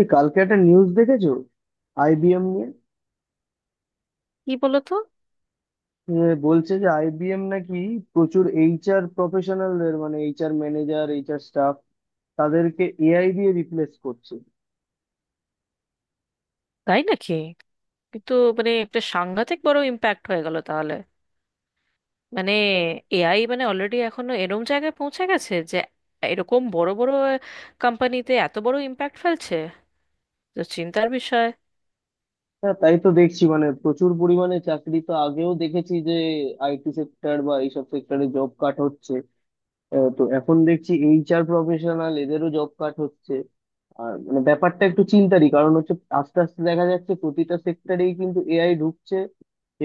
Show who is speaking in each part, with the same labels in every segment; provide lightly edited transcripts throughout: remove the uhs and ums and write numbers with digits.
Speaker 1: এই কালকে একটা নিউজ দেখেছো, আইবিএম নিয়ে?
Speaker 2: কি বলো তো?
Speaker 1: যে বলছে যে আইবিএম নাকি প্রচুর এইচআর প্রফেশনালদের, মানে এইচআর ম্যানেজার, এইচআর স্টাফ, তাদেরকে এআই দিয়ে রিপ্লেস করছে।
Speaker 2: তাই নাকি? কিন্তু একটা সাংঘাতিক বড় ইম্প্যাক্ট হয়ে গেল তাহলে। মানে এআই অলরেডি এখনো এরম জায়গায় পৌঁছে গেছে যে এরকম বড় বড় কোম্পানিতে এত বড় ইম্প্যাক্ট ফেলছে, তো চিন্তার বিষয়।
Speaker 1: হ্যাঁ, তাই তো দেখছি, মানে প্রচুর পরিমাণে চাকরি তো আগেও দেখেছি যে আইটি সেক্টর বা এইসব সেক্টরে জব কাট হচ্ছে। তো এখন দেখছি এইচআর প্রফেশনাল এদেরও জব কাট হচ্ছে। আর মানে ব্যাপারটা একটু চিন্তারই কারণ হচ্ছে। আস্তে আস্তে দেখা যাচ্ছে প্রতিটা সেক্টরেই কিন্তু এআই ঢুকছে,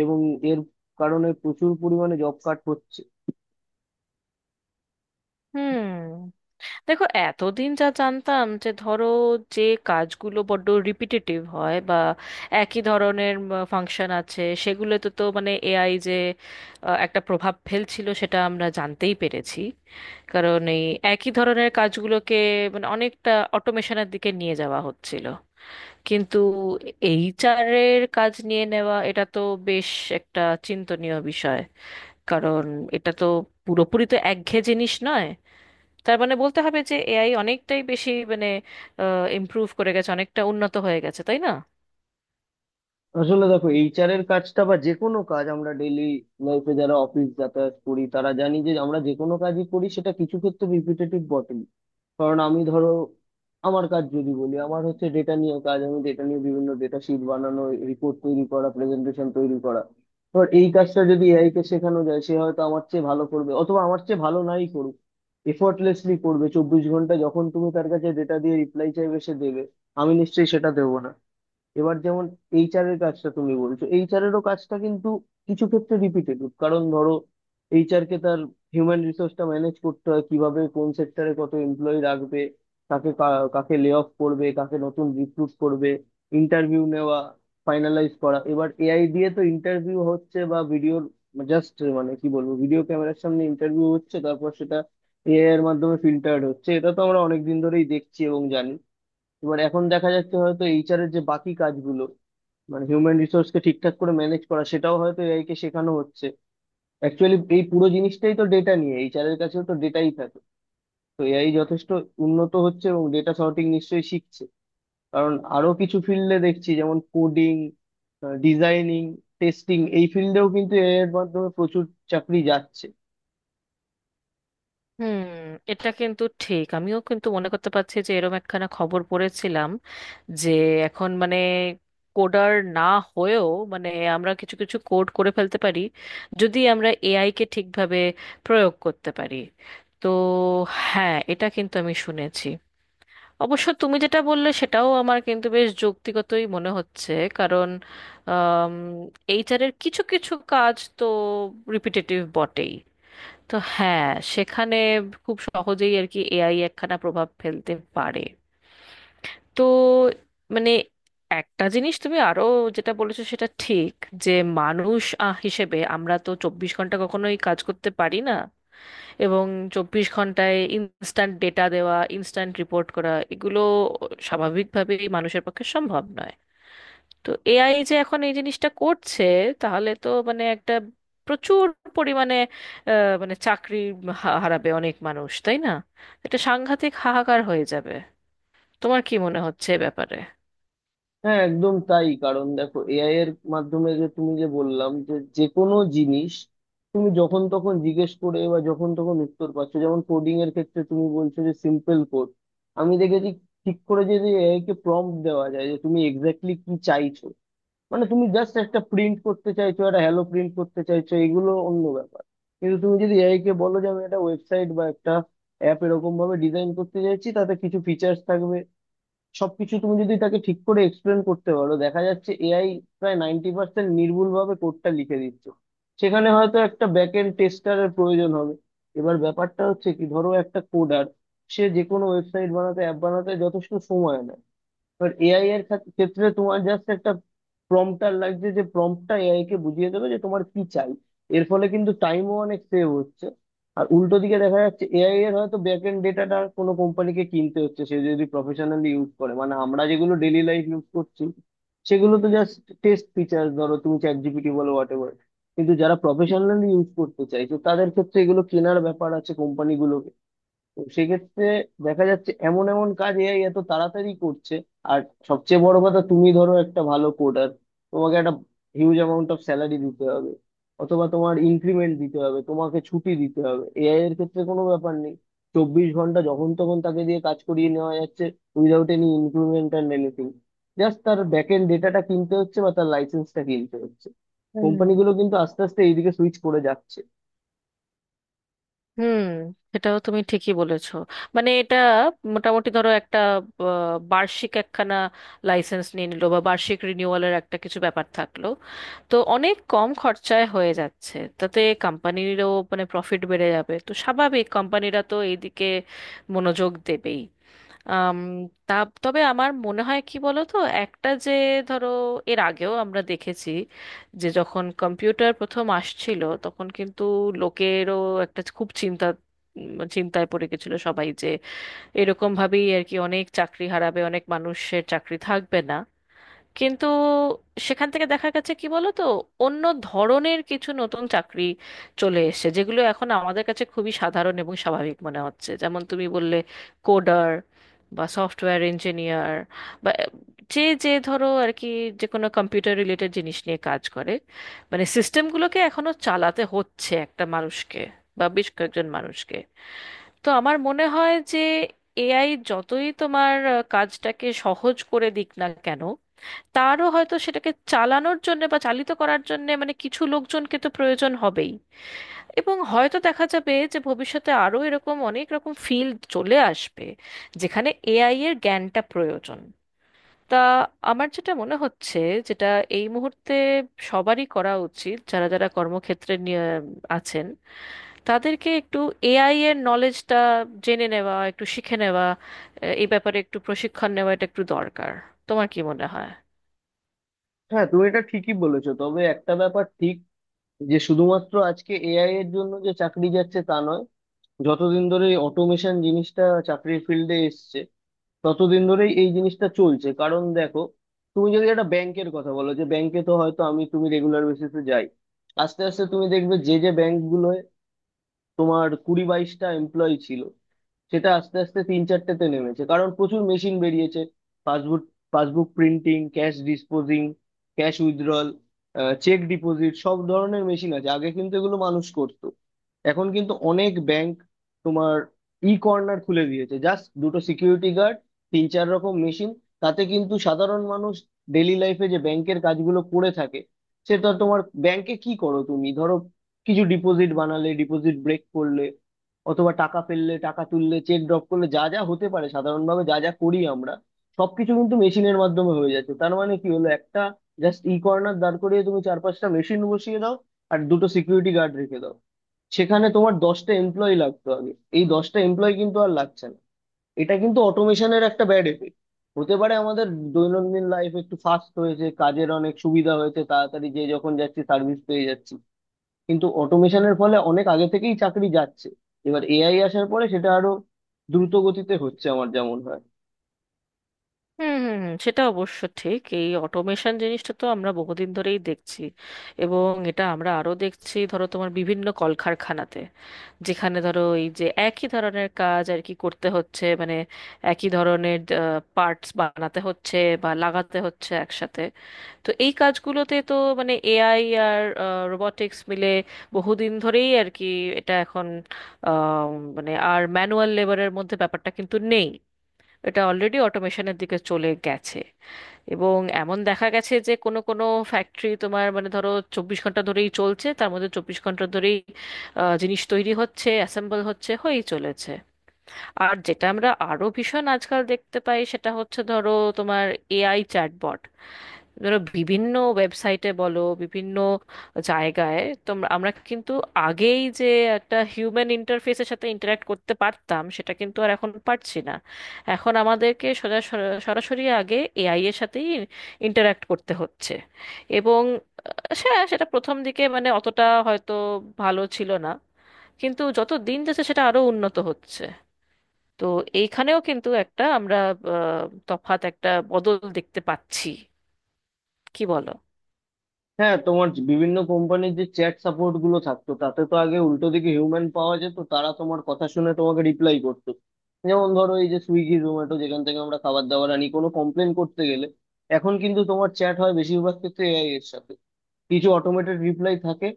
Speaker 1: এবং এর কারণে প্রচুর পরিমাণে জব কাট হচ্ছে।
Speaker 2: হুম। দেখো, এতদিন যা জানতাম যে ধরো যে কাজগুলো বড্ড রিপিটেটিভ হয় বা একই ধরনের ফাংশন আছে সেগুলোতে তো এআই যে একটা প্রভাব ফেলছিল সেটা আমরা জানতেই পেরেছি। কারণ এই একই ধরনের কাজগুলোকে অনেকটা অটোমেশনের দিকে নিয়ে যাওয়া হচ্ছিল। কিন্তু এইচআর এর কাজ নিয়ে নেওয়া, এটা তো বেশ একটা চিন্তনীয় বিষয়। কারণ এটা তো পুরোপুরি তো একঘেয়ে জিনিস নয়। তার মানে বলতে হবে যে এআই অনেকটাই বেশি ইমপ্রুভ করে গেছে, অনেকটা উন্নত হয়ে গেছে, তাই না?
Speaker 1: আসলে দেখো, এইচআর এর কাজটা বা যে কোনো কাজ, আমরা ডেইলি লাইফে যারা অফিস যাতায়াত করি তারা জানি যে আমরা যে কোনো কাজই করি সেটা কিছু ক্ষেত্রে রিপিটেটিভ বটেই। কারণ আমি ধরো, আমার কাজ যদি বলি, আমার হচ্ছে ডেটা নিয়ে কাজ, আমি ডেটা নিয়ে বিভিন্ন ডেটা শিট বানানো, রিপোর্ট তৈরি করা, প্রেজেন্টেশন তৈরি করা। এবার এই কাজটা যদি এআই কে শেখানো যায়, সে হয়তো আমার চেয়ে ভালো করবে, অথবা আমার চেয়ে ভালো নাই করুক, এফোর্টলেসলি করবে। 24 ঘন্টা যখন তুমি তার কাছে ডেটা দিয়ে রিপ্লাই চাইবে সে দেবে, আমি নিশ্চয়ই সেটা দেবো না। এবার যেমন এইচআর এর কাজটা তুমি বলছো, এইচআর এরও কাজটা কিন্তু কিছু ক্ষেত্রে রিপিটেটিভ। কারণ ধরো, এইচআর কে তার হিউম্যান রিসোর্সটা ম্যানেজ করতে হয়, কিভাবে কোন সেক্টরে কত এমপ্লয়ি রাখবে, কাকে লে অফ করবে, কাকে নতুন রিক্রুট করবে, ইন্টারভিউ নেওয়া, ফাইনালাইজ করা। এবার এআই দিয়ে তো ইন্টারভিউ হচ্ছে, বা ভিডিওর, জাস্ট মানে কি বলবো, ভিডিও ক্যামেরার সামনে ইন্টারভিউ হচ্ছে, তারপর সেটা এআই এর মাধ্যমে ফিল্টার্ড হচ্ছে। এটা তো আমরা অনেক দিন ধরেই দেখছি এবং জানি। এবার এখন দেখা যাচ্ছে হয়তো এইচআর এর যে বাকি কাজগুলো, মানে হিউম্যান রিসোর্স কে ঠিকঠাক করে ম্যানেজ করা, সেটাও হয়তো এআই কে শেখানো হচ্ছে। অ্যাকচুয়ালি এই পুরো জিনিসটাই তো ডেটা নিয়ে, এইচআর এর কাছেও তো ডেটাই থাকে। তো এআই যথেষ্ট উন্নত হচ্ছে এবং ডেটা সর্টিং নিশ্চয়ই শিখছে। কারণ আরো কিছু ফিল্ডে দেখছি, যেমন কোডিং, ডিজাইনিং, টেস্টিং, এই ফিল্ডেও কিন্তু এআই এর মাধ্যমে প্রচুর চাকরি যাচ্ছে।
Speaker 2: হুম। এটা কিন্তু ঠিক, আমিও কিন্তু মনে করতে পারছি যে এরম একখানা খবর পড়েছিলাম যে এখন কোডার না হয়েও মানে আমরা কিছু কিছু কোড করে ফেলতে পারি যদি আমরা এআই কে ঠিকভাবে প্রয়োগ করতে পারি। তো হ্যাঁ, এটা কিন্তু আমি শুনেছি। অবশ্য তুমি যেটা বললে সেটাও আমার কিন্তু বেশ যৌক্তিগতই মনে হচ্ছে। কারণ এইচআর এর কিছু কিছু কাজ তো রিপিটেটিভ বটেই। তো হ্যাঁ, সেখানে খুব সহজেই আর কি এআই একখানা প্রভাব ফেলতে পারে। তো মানে একটা জিনিস তুমি আরো যেটা বলেছো সেটা ঠিক, যে মানুষ হিসেবে আমরা তো 24 ঘন্টা কখনোই কাজ করতে পারি না। এবং 24 ঘন্টায় ইনস্ট্যান্ট ডেটা দেওয়া, ইনস্ট্যান্ট রিপোর্ট করা, এগুলো স্বাভাবিকভাবেই মানুষের পক্ষে সম্ভব নয়। তো এআই যে এখন এই জিনিসটা করছে, তাহলে তো একটা প্রচুর পরিমাণে আহ, মানে চাকরি হারাবে অনেক মানুষ, তাই না? এটা সাংঘাতিক হাহাকার হয়ে যাবে। তোমার কি মনে হচ্ছে এ ব্যাপারে?
Speaker 1: হ্যাঁ, একদম তাই। কারণ দেখো, এআই এর মাধ্যমে যে তুমি, যে বললাম যে যে কোনো জিনিস তুমি যখন তখন জিজ্ঞেস করে বা যখন তখন উত্তর পাচ্ছ, যেমন কোডিং এর ক্ষেত্রে তুমি বলছো যে সিম্পল কোড আমি দেখেছি, ঠিক করে যদি এআই কে প্রম্পট দেওয়া যায় যে তুমি এক্স্যাক্টলি কি চাইছো। মানে তুমি জাস্ট একটা প্রিন্ট করতে চাইছো, একটা হ্যালো প্রিন্ট করতে চাইছো, এগুলো অন্য ব্যাপার। কিন্তু তুমি যদি এআই কে বলো যে আমি একটা ওয়েবসাইট বা একটা অ্যাপ এরকম ভাবে ডিজাইন করতে চাইছি, তাতে কিছু ফিচার্স থাকবে, সবকিছু তুমি যদি তাকে ঠিক করে এক্সপ্লেন করতে পারো, দেখা যাচ্ছে এআই প্রায় 90% নির্ভুল ভাবে কোডটা লিখে দিচ্ছে। সেখানে হয়তো একটা ব্যাক এন্ড টেস্টারের প্রয়োজন হবে। এবার ব্যাপারটা হচ্ছে কি, ধরো একটা কোডার সে যে কোনো ওয়েবসাইট বানাতে, অ্যাপ বানাতে যথেষ্ট সময় নেয়। এবার এআই এর ক্ষেত্রে তোমার জাস্ট একটা প্রম্পটার লাগছে, যে প্রম্পটটা এআই কে বুঝিয়ে দেবে যে তোমার কি চাই। এর ফলে কিন্তু টাইমও অনেক সেভ হচ্ছে। আর উল্টো দিকে দেখা যাচ্ছে এআই এর হয়তো ব্যাক এন্ড ডেটাটা কোনো কোম্পানিকে কিনতে হচ্ছে, সে যদি প্রফেশনালি ইউজ করে। মানে আমরা যেগুলো ডেইলি লাইফ ইউজ করছি সেগুলো তো জাস্ট টেস্ট ফিচার, ধরো তুমি চ্যাট জিপিটি বলো, হোয়াট এভার। কিন্তু যারা প্রফেশনালি ইউজ করতে চাইছে তাদের ক্ষেত্রে এগুলো কেনার ব্যাপার আছে কোম্পানিগুলো। তো সেক্ষেত্রে দেখা যাচ্ছে এমন এমন কাজ এআই এত তাড়াতাড়ি করছে। আর সবচেয়ে বড় কথা, তুমি ধরো একটা ভালো কোডার, তোমাকে একটা হিউজ অ্যামাউন্ট অফ স্যালারি দিতে হবে, অথবা তোমার ইনক্রিমেন্ট দিতে হবে, তোমাকে ছুটি দিতে হবে। এআই এর ক্ষেত্রে কোনো ব্যাপার নেই, 24 ঘন্টা যখন তখন তাকে দিয়ে কাজ করিয়ে নেওয়া যাচ্ছে, without any increment and anything. Just তার ব্যাক এন্ড ডেটাটা কিনতে হচ্ছে বা তার লাইসেন্সটা কিনতে হচ্ছে।
Speaker 2: হুম।
Speaker 1: কোম্পানিগুলো কিন্তু আস্তে আস্তে এইদিকে সুইচ করে যাচ্ছে।
Speaker 2: হুম। এটাও তুমি ঠিকই বলেছো। এটা মোটামুটি ধরো একটা বার্ষিক একখানা লাইসেন্স নিয়ে নিলো বা বার্ষিক রিনিউয়ালের একটা কিছু ব্যাপার থাকলো, তো অনেক কম খরচায় হয়ে যাচ্ছে, তাতে কোম্পানিরও প্রফিট বেড়ে যাবে, তো স্বাভাবিক কোম্পানিরা তো এইদিকে মনোযোগ দেবেই। আম, তা, তবে আমার মনে হয় কি বলো তো, একটা যে ধরো এর আগেও আমরা দেখেছি যে যখন কম্পিউটার প্রথম আসছিল তখন কিন্তু লোকেরও একটা খুব চিন্তায় পড়ে গেছিল সবাই, যে এরকম ভাবেই আর কি অনেক চাকরি হারাবে, অনেক মানুষের চাকরি থাকবে না। কিন্তু সেখান থেকে দেখা গেছে কি বলো তো, অন্য ধরনের কিছু নতুন চাকরি চলে এসেছে যেগুলো এখন আমাদের কাছে খুবই সাধারণ এবং স্বাভাবিক মনে হচ্ছে, যেমন তুমি বললে কোডার বা সফটওয়্যার ইঞ্জিনিয়ার বা যে যে ধরো আর কি যে কোনো কম্পিউটার রিলেটেড জিনিস নিয়ে কাজ করে। সিস্টেমগুলোকে এখনো চালাতে হচ্ছে একটা মানুষকে বা বেশ কয়েকজন মানুষকে। তো আমার মনে হয় যে এআই যতই তোমার কাজটাকে সহজ করে দিক না কেন, তারও হয়তো সেটাকে চালানোর জন্য বা চালিত করার জন্য কিছু লোকজনকে তো প্রয়োজন হবেই। এবং হয়তো দেখা যাবে যে ভবিষ্যতে আরো এরকম অনেক রকম ফিল্ড চলে আসবে যেখানে এআই এর জ্ঞানটা প্রয়োজন। তা আমার যেটা মনে হচ্ছে, যেটা এই মুহূর্তে সবারই করা উচিত, যারা যারা কর্মক্ষেত্রে নিয়ে আছেন, তাদেরকে একটু এআই এর নলেজটা জেনে নেওয়া, একটু শিখে নেওয়া, এই ব্যাপারে একটু প্রশিক্ষণ নেওয়া, এটা একটু দরকার। তোমার কি মনে হয়?
Speaker 1: হ্যাঁ, তুমি এটা ঠিকই বলেছো, তবে একটা ব্যাপার ঠিক, যে শুধুমাত্র আজকে এআই এর জন্য যে চাকরি যাচ্ছে তা নয়, যতদিন ধরে এই অটোমেশন জিনিসটা চাকরির ফিল্ডে এসছে ততদিন ধরেই এই জিনিসটা চলছে। কারণ দেখো, তুমি যদি একটা ব্যাংকের কথা বলো, যে ব্যাংকে তো হয়তো আমি তুমি রেগুলার বেসিসে যাই, আস্তে আস্তে তুমি দেখবে যে যে ব্যাংকগুলোয় তোমার 20-22টা এমপ্লয়ি ছিল, সেটা আস্তে আস্তে 3-4টেতে নেমেছে, কারণ প্রচুর মেশিন বেরিয়েছে। Passbook passbook printing, cash disposing, cash withdrawal, cheque deposit, সব ধরনের মেশিন আছে। আগে কিন্তু এগুলো মানুষ করতো, এখন কিন্তু অনেক ব্যাংক তোমার ই কর্নার খুলে দিয়েছে, জাস্ট দুটো সিকিউরিটি গার্ড, 3-4 রকম মেশিন। তাতে কিন্তু সাধারণ মানুষ ডেইলি লাইফে যে ব্যাংকের কাজগুলো করে থাকে, সেটা তোমার, ব্যাংকে কি করো তুমি ধরো, কিছু ডিপোজিট বানালে, ডিপোজিট ব্রেক করলে, অথবা টাকা ফেললে, টাকা তুললে, চেক ড্রপ করলে, যা যা হতে পারে সাধারণভাবে যা যা করি আমরা, সবকিছু কিন্তু মেশিনের মাধ্যমে হয়ে যাচ্ছে। তার মানে কি হলো, একটা জাস্ট ই কর্নার দাঁড় করিয়ে তুমি 4-5টা মেশিন বসিয়ে দাও আর দুটো সিকিউরিটি গার্ড রেখে দাও। সেখানে তোমার 10টা এমপ্লয়ি লাগতো আগে, এই 10টা এমপ্লয়ি কিন্তু আর লাগছে না। এটা কিন্তু অটোমেশনের একটা ব্যাড এফেক্ট। হতে পারে আমাদের দৈনন্দিন লাইফ একটু ফাস্ট হয়েছে, কাজের অনেক সুবিধা হয়েছে, তাড়াতাড়ি যে যখন যাচ্ছি সার্ভিস পেয়ে যাচ্ছি, কিন্তু অটোমেশনের ফলে অনেক আগে থেকেই চাকরি যাচ্ছে। এবার এআই আসার পরে সেটা আরো দ্রুত গতিতে হচ্ছে, আমার যেমন হয়।
Speaker 2: হুম, হুম, হুম, সেটা অবশ্য ঠিক। এই অটোমেশন জিনিসটা তো আমরা বহুদিন ধরেই দেখছি। এবং এটা আমরা আরো দেখছি ধরো তোমার বিভিন্ন কলকারখানাতে, যেখানে ধরো এই যে একই ধরনের কাজ আর কি করতে হচ্ছে, একই ধরনের পার্টস বানাতে হচ্ছে বা লাগাতে হচ্ছে একসাথে। তো এই কাজগুলোতে তো এআই আর রোবটিক্স মিলে বহুদিন ধরেই আর কি এটা এখন আহ, মানে আর ম্যানুয়াল লেবারের মধ্যে ব্যাপারটা কিন্তু নেই, এটা অলরেডি অটোমেশনের দিকে চলে গেছে। এবং এমন দেখা গেছে যে কোনো কোনো ফ্যাক্টরি তোমার ধরো 24 ঘন্টা ধরেই চলছে, তার মধ্যে 24 ঘন্টা ধরেই জিনিস তৈরি হচ্ছে, অ্যাসেম্বল হচ্ছে, হয়েই চলেছে। আর যেটা আমরা আরো ভীষণ আজকাল দেখতে পাই সেটা হচ্ছে ধরো তোমার এআই চ্যাটবট। ধরো বিভিন্ন ওয়েবসাইটে বলো, বিভিন্ন জায়গায় তোমরা আমরা কিন্তু আগেই যে একটা হিউম্যান ইন্টারফেসের সাথে ইন্টারাক্ট করতে পারতাম, সেটা কিন্তু আর এখন পারছি না। এখন আমাদেরকে সোজা সরাসরি আগে এআই এর সাথেই ইন্টারাক্ট করতে হচ্ছে। এবং সে সেটা প্রথম দিকে অতটা হয়তো ভালো ছিল না, কিন্তু যত দিন যাচ্ছে সেটা আরো উন্নত হচ্ছে। তো এইখানেও কিন্তু একটা আমরা আহ, তফাৎ একটা বদল দেখতে পাচ্ছি, কি বলো?
Speaker 1: হ্যাঁ, তোমার বিভিন্ন কোম্পানির যে চ্যাট সাপোর্ট গুলো থাকতো, তাতে তো আগে উল্টো দিকে হিউম্যান পাওয়া যেত, তারা তোমার কথা শুনে তোমাকে রিপ্লাই করতো। যেমন ধরো এই যে সুইগি, জোম্যাটো, যেখান থেকে আমরা খাবার দাবার আনি, কোনো কমপ্লেন করতে গেলে এখন কিন্তু তোমার চ্যাট হয় বেশিরভাগ ক্ষেত্রে এআই এর সাথে, কিছু অটোমেটেড রিপ্লাই থাকে।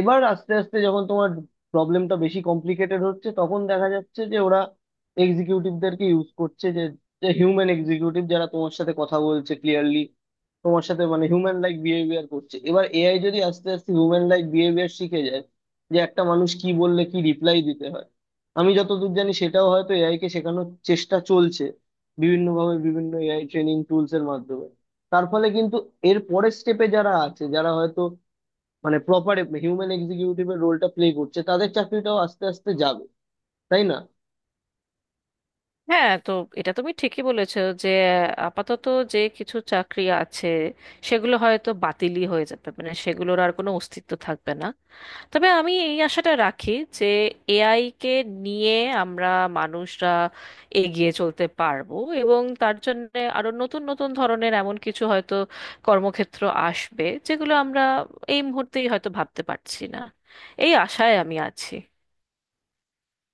Speaker 1: এবার আস্তে আস্তে যখন তোমার প্রবলেমটা বেশি কমপ্লিকেটেড হচ্ছে, তখন দেখা যাচ্ছে যে ওরা এক্সিকিউটিভদেরকে ইউজ করছে, যে হিউম্যান এক্সিকিউটিভ যারা তোমার সাথে কথা বলছে ক্লিয়ারলি, তোমার সাথে মানে হিউম্যান লাইক বিহেভিয়ার করছে। এবার এআই যদি আস্তে আস্তে হিউম্যান লাইক বিহেভিয়ার শিখে যায়, যে একটা মানুষ কি বললে কি রিপ্লাই দিতে হয়, আমি যতদূর জানি সেটাও হয়তো এআই কে শেখানোর চেষ্টা চলছে বিভিন্নভাবে, বিভিন্ন এআই ট্রেনিং টুলস এর মাধ্যমে। তার ফলে কিন্তু এর পরের স্টেপে যারা আছে, যারা হয়তো মানে প্রপার হিউম্যান এক্সিকিউটিভ এর রোলটা প্লে করছে, তাদের চাকরিটাও আস্তে আস্তে যাবে, তাই না?
Speaker 2: হ্যাঁ, তো এটা তুমি ঠিকই বলেছো যে আপাতত যে কিছু চাকরি আছে সেগুলো হয়তো বাতিলই হয়ে যাবে, সেগুলোর আর কোনো অস্তিত্ব থাকবে না। তবে আমি এই আশাটা রাখি যে এআই কে নিয়ে আমরা মানুষরা এগিয়ে চলতে পারবো, এবং তার জন্য আরো নতুন নতুন ধরনের এমন কিছু হয়তো কর্মক্ষেত্র আসবে যেগুলো আমরা এই মুহূর্তেই হয়তো ভাবতে পারছি না। এই আশায় আমি আছি।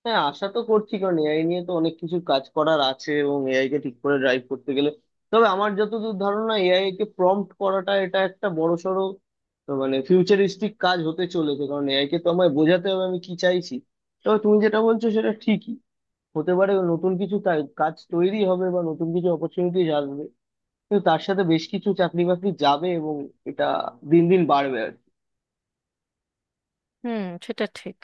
Speaker 1: হ্যাঁ, আশা তো করছি, কারণ এআই নিয়ে তো অনেক কিছু কাজ করার আছে, এবং এআই কে ঠিক করে ড্রাইভ করতে গেলে, তবে আমার যতদূর ধারণা এআই কে প্রম্পট করাটা এটা একটা বড়সড়, তো মানে ফিউচারিস্টিক কাজ হতে চলেছে, কারণ এআই কে তো আমায় বোঝাতে হবে আমি কি চাইছি। তবে তুমি যেটা বলছো সেটা ঠিকই, হতে পারে নতুন কিছু তাই কাজ তৈরি হবে বা নতুন কিছু অপরচুনিটি আসবে, কিন্তু তার সাথে বেশ কিছু চাকরি বাকরি যাবে, এবং এটা দিন দিন বাড়বে।
Speaker 2: হুম, সেটা ঠিক।